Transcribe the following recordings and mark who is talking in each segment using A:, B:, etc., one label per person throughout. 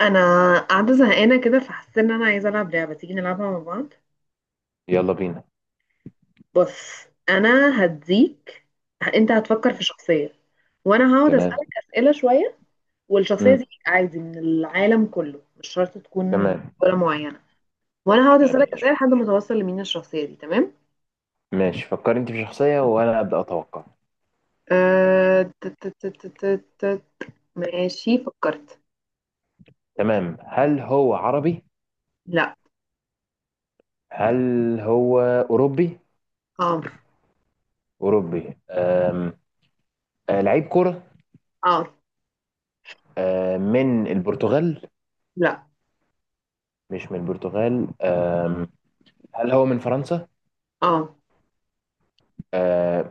A: انا قاعده زهقانه كده فحسيت ان انا عايزه العب لعبه تيجي نلعبها مع بعض.
B: يلا بينا.
A: بص انا هديك، انت هتفكر
B: مم.
A: في شخصيه وانا هقعد
B: تمام.
A: اسالك اسئله شويه، والشخصيه
B: مم.
A: دي عادي من العالم كله مش شرط تكون
B: تمام.
A: دوله معينه، وانا هقعد
B: تمام
A: اسالك اسئله
B: ماشي.
A: لحد ما توصل لمين الشخصيه دي. تمام.
B: ماشي، فكر انت في شخصية وانا ابدأ اتوقع.
A: أه... ت- ت- ت- ت- ت- ت- ماشي فكرت.
B: تمام، هل هو عربي؟
A: لا.
B: هل هو اوروبي؟
A: اه.
B: اوروبي آه، لعيب كرة.
A: اه.
B: من البرتغال؟
A: لا.
B: مش من البرتغال. هل هو من فرنسا؟
A: اه.
B: أم...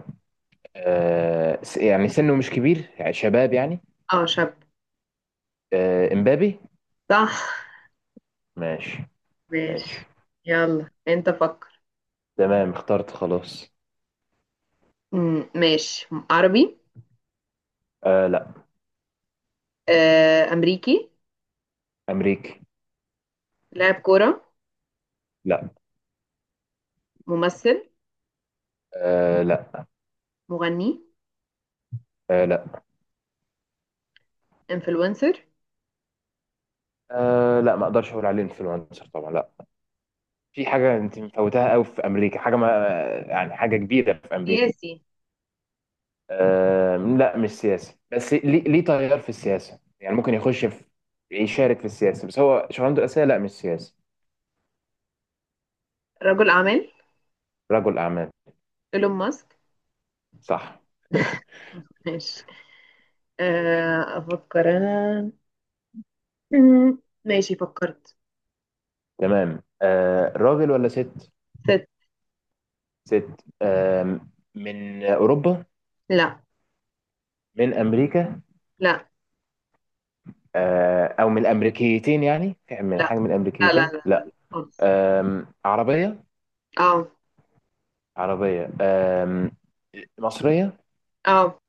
B: يعني سنه مش كبير، يعني شباب يعني.
A: اه شاب.
B: أه، امبابي.
A: صح.
B: ماشي. ماشي.
A: ماشي. يلا انت فكر.
B: تمام، اخترت خلاص.
A: مم، ماشي عربي.
B: أه لا.
A: آه، أمريكي.
B: امريكي.
A: لاعب كورة.
B: لا.
A: ممثل.
B: أه لا.
A: مغني.
B: آه لا.
A: انفلونسر.
B: أه لا، ما اقدرش اقول عليه انفلونسر، طبعا لا. في حاجه انت مفوتاها قوي في امريكا، حاجه ما، يعني حاجه كبيره في امريكا.
A: سياسي.
B: أه لا، مش سياسي، بس ليه تغير في السياسه، يعني ممكن يخش في، يشارك في السياسه، بس هو شغلانته الاساسيه لا مش سياسي.
A: رجل أعمال.
B: رجل اعمال.
A: إيلون ماسك.
B: صح.
A: ماشي.
B: ماشي.
A: آه، أفكر أنا. مم، ماشي فكرت.
B: تمام، أه راجل ولا ست؟
A: ست.
B: ست. أه، من اوروبا؟
A: لا
B: من امريكا؟
A: لا
B: أه او من الامريكيتين؟ يعني في من
A: لا
B: حاجه من
A: لا لا
B: الامريكيتين؟
A: لا
B: لا.
A: لا خالص.
B: أه عربيه؟
A: اه.
B: عربية، أم، مصرية،
A: اه.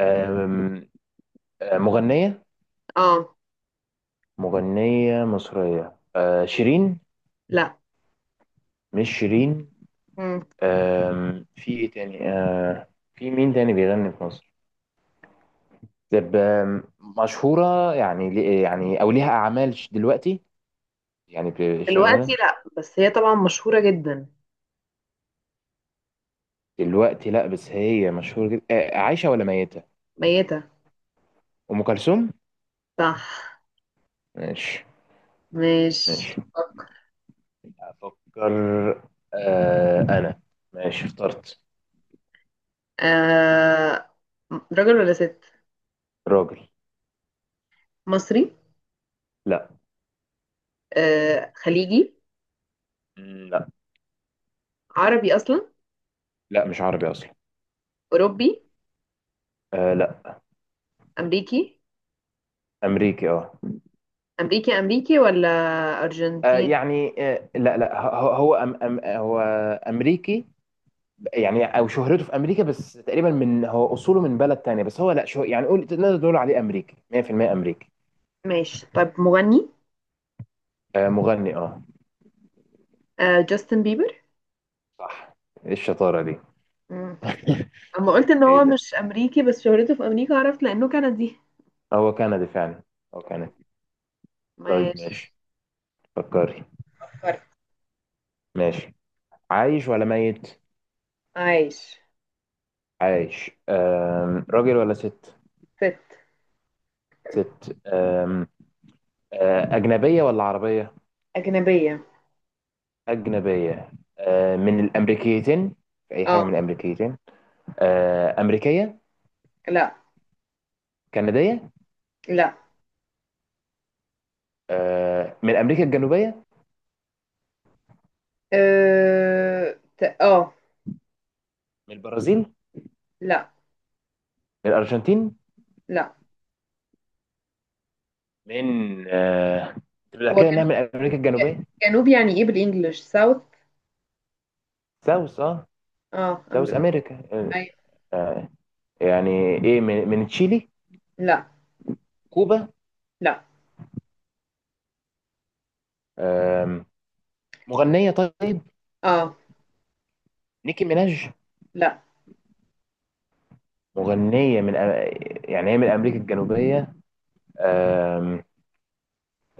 B: أم، آه، مغنية،
A: اه.
B: مغنية مصرية، أه، شيرين؟
A: لا.
B: مش شيرين.
A: مم.
B: أم، في ايه تاني؟ أه، في مين تاني بيغني في مصر؟ طب أم، مشهورة؟ يعني يعني او ليها اعمال دلوقتي؟ يعني
A: دلوقتي
B: شغالة
A: لا، بس هي طبعا مشهورة جدا.
B: دلوقتي؟ لا، بس هي مشهورة جدا. أه، عايشة ولا ميتة؟
A: ميتة.
B: ام كلثوم.
A: صح.
B: ماشي.
A: مش
B: ماشي.
A: فكر.
B: افكر. أه، انا ماشي اخترت.
A: آه، راجل ولا ست؟
B: راجل.
A: مصري.
B: لا.
A: آه، خليجي.
B: لا.
A: عربي أصلا.
B: لا، مش عربي اصلا.
A: أوروبي.
B: آه لا.
A: أمريكي.
B: امريكي اه.
A: أمريكي أمريكي ولا
B: آه،
A: أرجنتين؟
B: يعني آه لا لا، هو أم أم هو امريكي، يعني او شهرته في امريكا بس، تقريبا من هو اصوله من بلد تانية، بس هو لا شو يعني قول نقدر نقول عليه امريكي، 100% امريكي.
A: ماشي، طب مغني.
B: آه مغني اه.
A: آه، جاستن بيبر.
B: صح. ايه الشطارة دي؟
A: مم. أما قلت إن
B: ايه
A: هو
B: ده؟
A: مش أمريكي بس شهرته في أمريكا عرفت لأنه كندي.
B: هو كندي فعلا؟ هو كندي. طيب
A: ماشي
B: ماشي. فكري.
A: فكرت.
B: ماشي، عايش ولا ميت؟
A: عايش.
B: عايش. آم، راجل ولا ست؟
A: ست.
B: ست. آم، آه، أجنبية ولا عربية؟
A: أجنبية.
B: أجنبية. آه، من الأمريكيتين؟ في أي
A: اه.
B: حاجة من الأمريكيتين؟ آه، أمريكية؟
A: لا.
B: كندية؟
A: لا.
B: آه، من أمريكا الجنوبية؟
A: اه آه.
B: من البرازيل؟
A: لا.
B: من الأرجنتين؟
A: لا.
B: من آه، تبقى
A: هو
B: كده إنها
A: جنوب،
B: من أمريكا الجنوبية.
A: جنوب يعني ايه بالانجلش؟ ساوث.
B: ساوث أه.
A: اه
B: ساوث أمريكا. آه،
A: أي...
B: آه، يعني إيه، من تشيلي؟
A: لا.
B: كوبا؟
A: لا.
B: آم، مغنية طيب.
A: اه.
B: نيكي ميناج؟
A: لا.
B: مغنية من يعني هي من أمريكا الجنوبية. آم،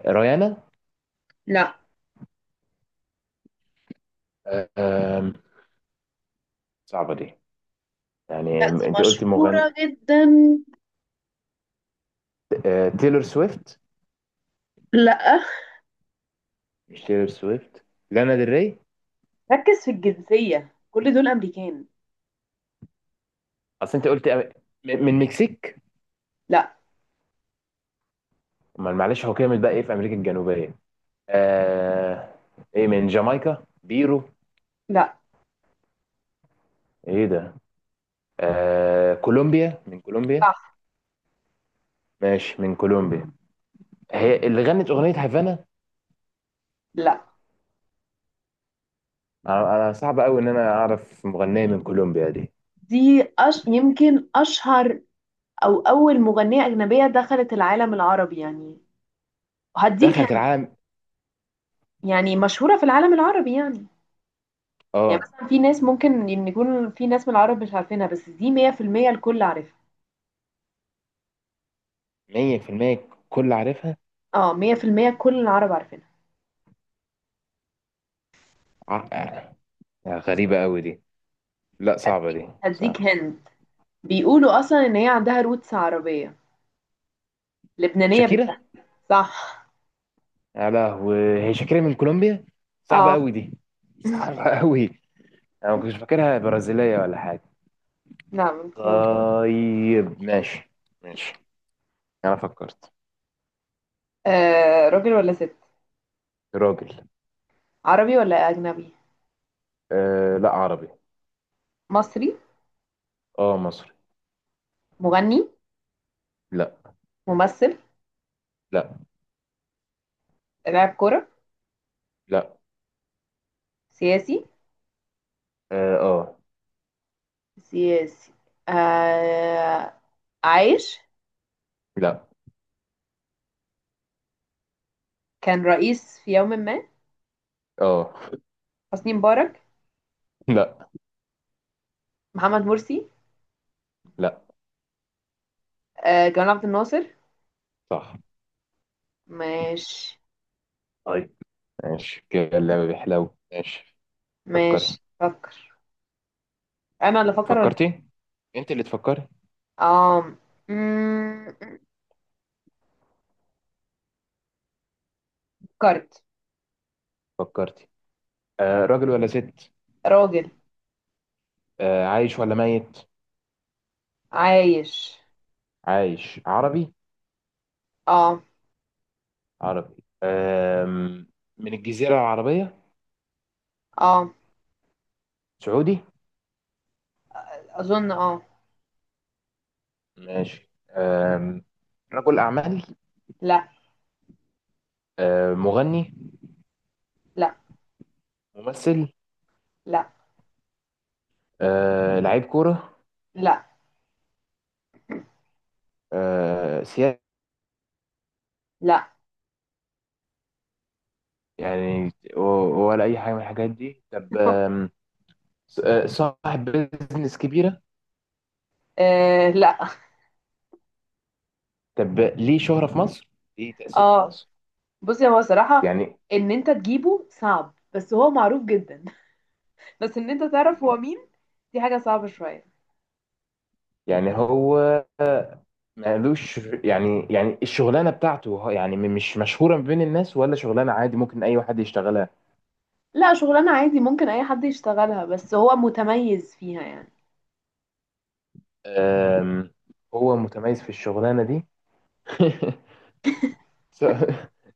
B: ريانا؟
A: لا.
B: آم، صعبة دي، يعني
A: لا دي
B: انت قلت مغني.
A: مشهورة جدا.
B: آه، تيلور سويفت؟
A: لا.
B: مش تيلور سويفت. لانا ديل ري؟
A: ركز في الجنسية، كل دول أمريكان.
B: اصل انت قلت من مكسيك؟
A: لا.
B: امال معلش، هو كامل بقى ايه في امريكا الجنوبيه؟ آه... ايه، من جامايكا؟ بيرو؟
A: لا.
B: ايه ده؟ آه... كولومبيا، من كولومبيا.
A: صح.
B: ماشي، من كولومبيا. هي اللي غنت اغنيه هافانا؟
A: لا،
B: أنا صعب قوي ان انا اعرف مغنيه من كولومبيا دي.
A: يمكن أشهر أو أول مغنية أجنبية دخلت العالم العربي يعني. هديك
B: دخلت
A: هن-
B: العالم.
A: يعني مشهورة في العالم العربي يعني. يعني
B: اه،
A: مثلا في ناس ممكن إن يكون في ناس من العرب مش عارفينها، بس دي 100% الكل عارفها.
B: 100% كل عارفها.
A: اه 100% كل العرب عارفينها.
B: ع- آه، غريبه قوي دي. لا صعبه
A: هديك
B: دي،
A: هديك
B: صعبه.
A: هند. بيقولوا أصلا إن هي عندها روتس عربية، لبنانية
B: شاكيرا.
A: بالتحديد. صح.
B: يا لهوي، هي شاكرة من كولومبيا. صعبة
A: اه.
B: قوي دي. صعبة قوي. انا ما كنتش فاكرها برازيلية ولا حاجة.
A: نعم من كولومبيا.
B: طيب ماشي. ماشي. انا فكرت.
A: آه راجل ولا ست؟
B: راجل.
A: عربي ولا أجنبي؟
B: آه لا، عربي.
A: مصري.
B: اه مصري.
A: مغني.
B: لا.
A: ممثل.
B: لا.
A: لاعب كرة.
B: لا.
A: سياسي.
B: اه آه.
A: سياسي. آه عايش.
B: لا.
A: كان رئيس في يوم ما.
B: اه.
A: حسني مبارك.
B: لا.
A: محمد مرسي.
B: لا.
A: آه جمال عبد الناصر.
B: صح.
A: ماشي.
B: طيب ماشي، كده اللعبة بيحلو. ماشي. فكري.
A: ماشي فكر. أنا اللي فكر ولا أنت؟
B: فكرتي. انت اللي تفكري.
A: آه. مم، فكرت.
B: فكرتي. آه راجل ولا ست؟
A: راجل.
B: آه عايش ولا ميت؟
A: عايش.
B: عايش عربي؟
A: اه.
B: عربي. أم، من الجزيرة العربية؟
A: اه
B: سعودي؟
A: اظن. اه.
B: ماشي. أم، رجل أعمال؟
A: لا.
B: أم، مغني؟
A: لا.
B: ممثل؟
A: لا.
B: أه، لعيب كورة؟
A: لا.
B: أه، سياسي؟
A: لا.
B: يعني و- ولا أي حاجة من الحاجات دي؟ طب أم، أه، صاحب بيزنس كبيرة؟
A: آه لا.
B: طب ليه شهرة في مصر؟ ليه تأثير في
A: اه
B: مصر؟
A: بصي، هو صراحة
B: يعني،
A: ان انت تجيبه صعب بس هو معروف جدا. بس ان انت تعرف هو مين، دي حاجة صعبة شوية.
B: يعني هو مالوش، يعني يعني الشغلانه بتاعته يعني مش مشهوره بين الناس، ولا شغلانه عادي ممكن اي واحد يشتغلها؟
A: لا شغلانة عادي ممكن اي حد يشتغلها، بس هو متميز فيها يعني.
B: أم، هو متميز في الشغلانة دي. س-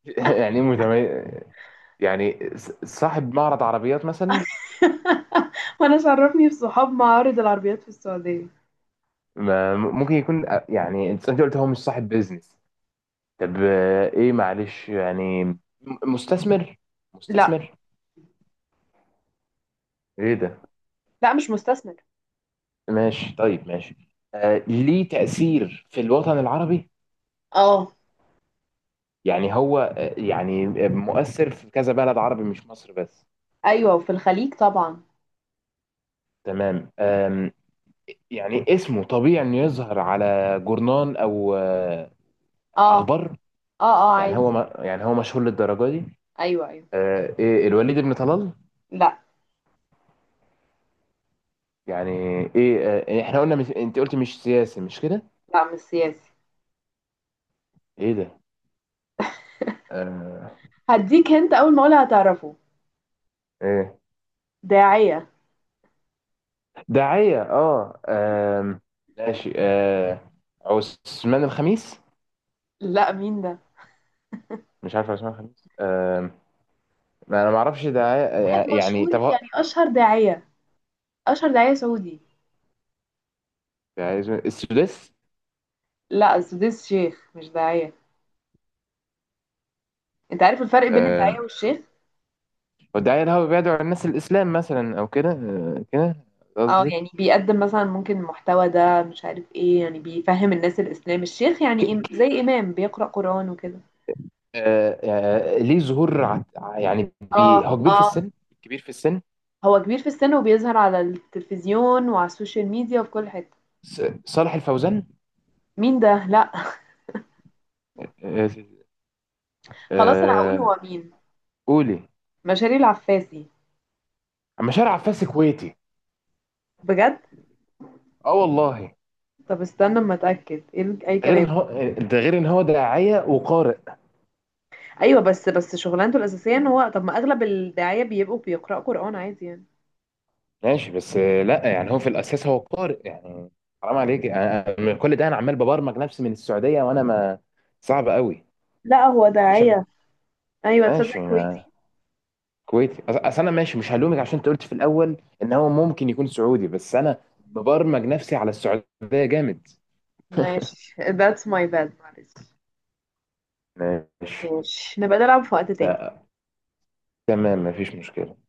B: يعني إيه متميز؟ يعني صاحب معرض عربيات مثلا؟
A: وانا شرفني بصحاب معارض العربيات في السعودية.
B: ممكن يكون آه، يعني أنت قلت هو مش صاحب بيزنس. طب آه، ايه معلش يعني مستثمر؟
A: لا.
B: مستثمر. ايه ده؟
A: لا مش مستثمر.
B: ماشي طيب ماشي. آه، ليه تأثير في الوطن العربي؟
A: اه.
B: يعني هو آه، يعني مؤثر في كذا بلد عربي، مش مصر بس؟
A: ايوه وفي الخليج طبعا.
B: تمام. آم، يعني اسمه طبيعي انه يظهر على جورنان او آه،
A: اه.
B: اخبار؟
A: اه اه
B: يعني
A: عادي.
B: هو ما، يعني هو مشهور للدرجه دي؟
A: ايوه ايوه.
B: آه، ايه، الوليد بن طلال؟
A: لا.
B: يعني ايه؟ آه، احنا قلنا، مش انت قلت مش سياسي مش كده؟
A: لا مش سياسي.
B: ايه ده؟ آه،
A: هديك هنت أول ما أقولها هتعرفه.
B: ايه،
A: داعية.
B: داعية؟ اه آم، ماشي آه، عثمان الخميس؟
A: لا مين ده؟
B: مش عارف عثمان الخميس. آم، ما انا ما اعرفش داعية.
A: واحد
B: آه، يعني
A: مشهور
B: طب
A: يعني، أشهر داعية. أشهر داعية سعودي.
B: داعية. السداس؟
A: لا السديس شيخ مش داعية. أنت عارف الفرق بين الداعية والشيخ؟
B: والداعية اللي هو بيدعو الناس الإسلام مثلا أو كده، آه، كده
A: اه
B: قصدك؟
A: يعني بيقدم مثلا ممكن المحتوى ده مش عارف ايه، يعني بيفهم الناس الإسلام. الشيخ يعني
B: ك-
A: زي إمام بيقرأ قرآن وكده.
B: آه، آه، ليه ظهور يعني
A: اه.
B: بي، هو كبير في
A: اه
B: السن؟ كبير في السن.
A: هو كبير في السن وبيظهر على التلفزيون وعلى السوشيال ميديا وفي كل حتة.
B: صالح الفوزان؟
A: مين ده؟ لا.
B: آه،
A: خلاص أنا هقول
B: آه،
A: هو مين.
B: قولي.
A: مشاري العفاسي.
B: أما شارع عباس كويتي؟
A: بجد.
B: اه والله.
A: طب استنى اما اتاكد، ايه اي
B: غير ان
A: كلام.
B: هو، ده غير ان هو داعية وقارئ.
A: ايوه بس شغلانته الاساسيه ان هو، طب ما اغلب الداعيه بيبقوا بيقرأوا قرآن عادي يعني.
B: ماشي بس آه، لا يعني هو في الأساس هو قارئ يعني. حرام عليك، كل ده انا عمال ببرمج نفسي من السعودية وانا ما، صعب قوي.
A: لا هو
B: مش عارف.
A: داعية. ايوه تصدق
B: ماشي.
A: كويتي.
B: كويتي. اصل انا ماشي مش هلومك، عشان انت قلت في الاول ان هو ممكن يكون سعودي، بس انا مبرمج نفسي على السعوديه. جامد.
A: ماشي that's my bad معلش.
B: ماشي.
A: ماشي نبقى نلعب في وقت تاني.
B: ف- تمام مفيش مشكله.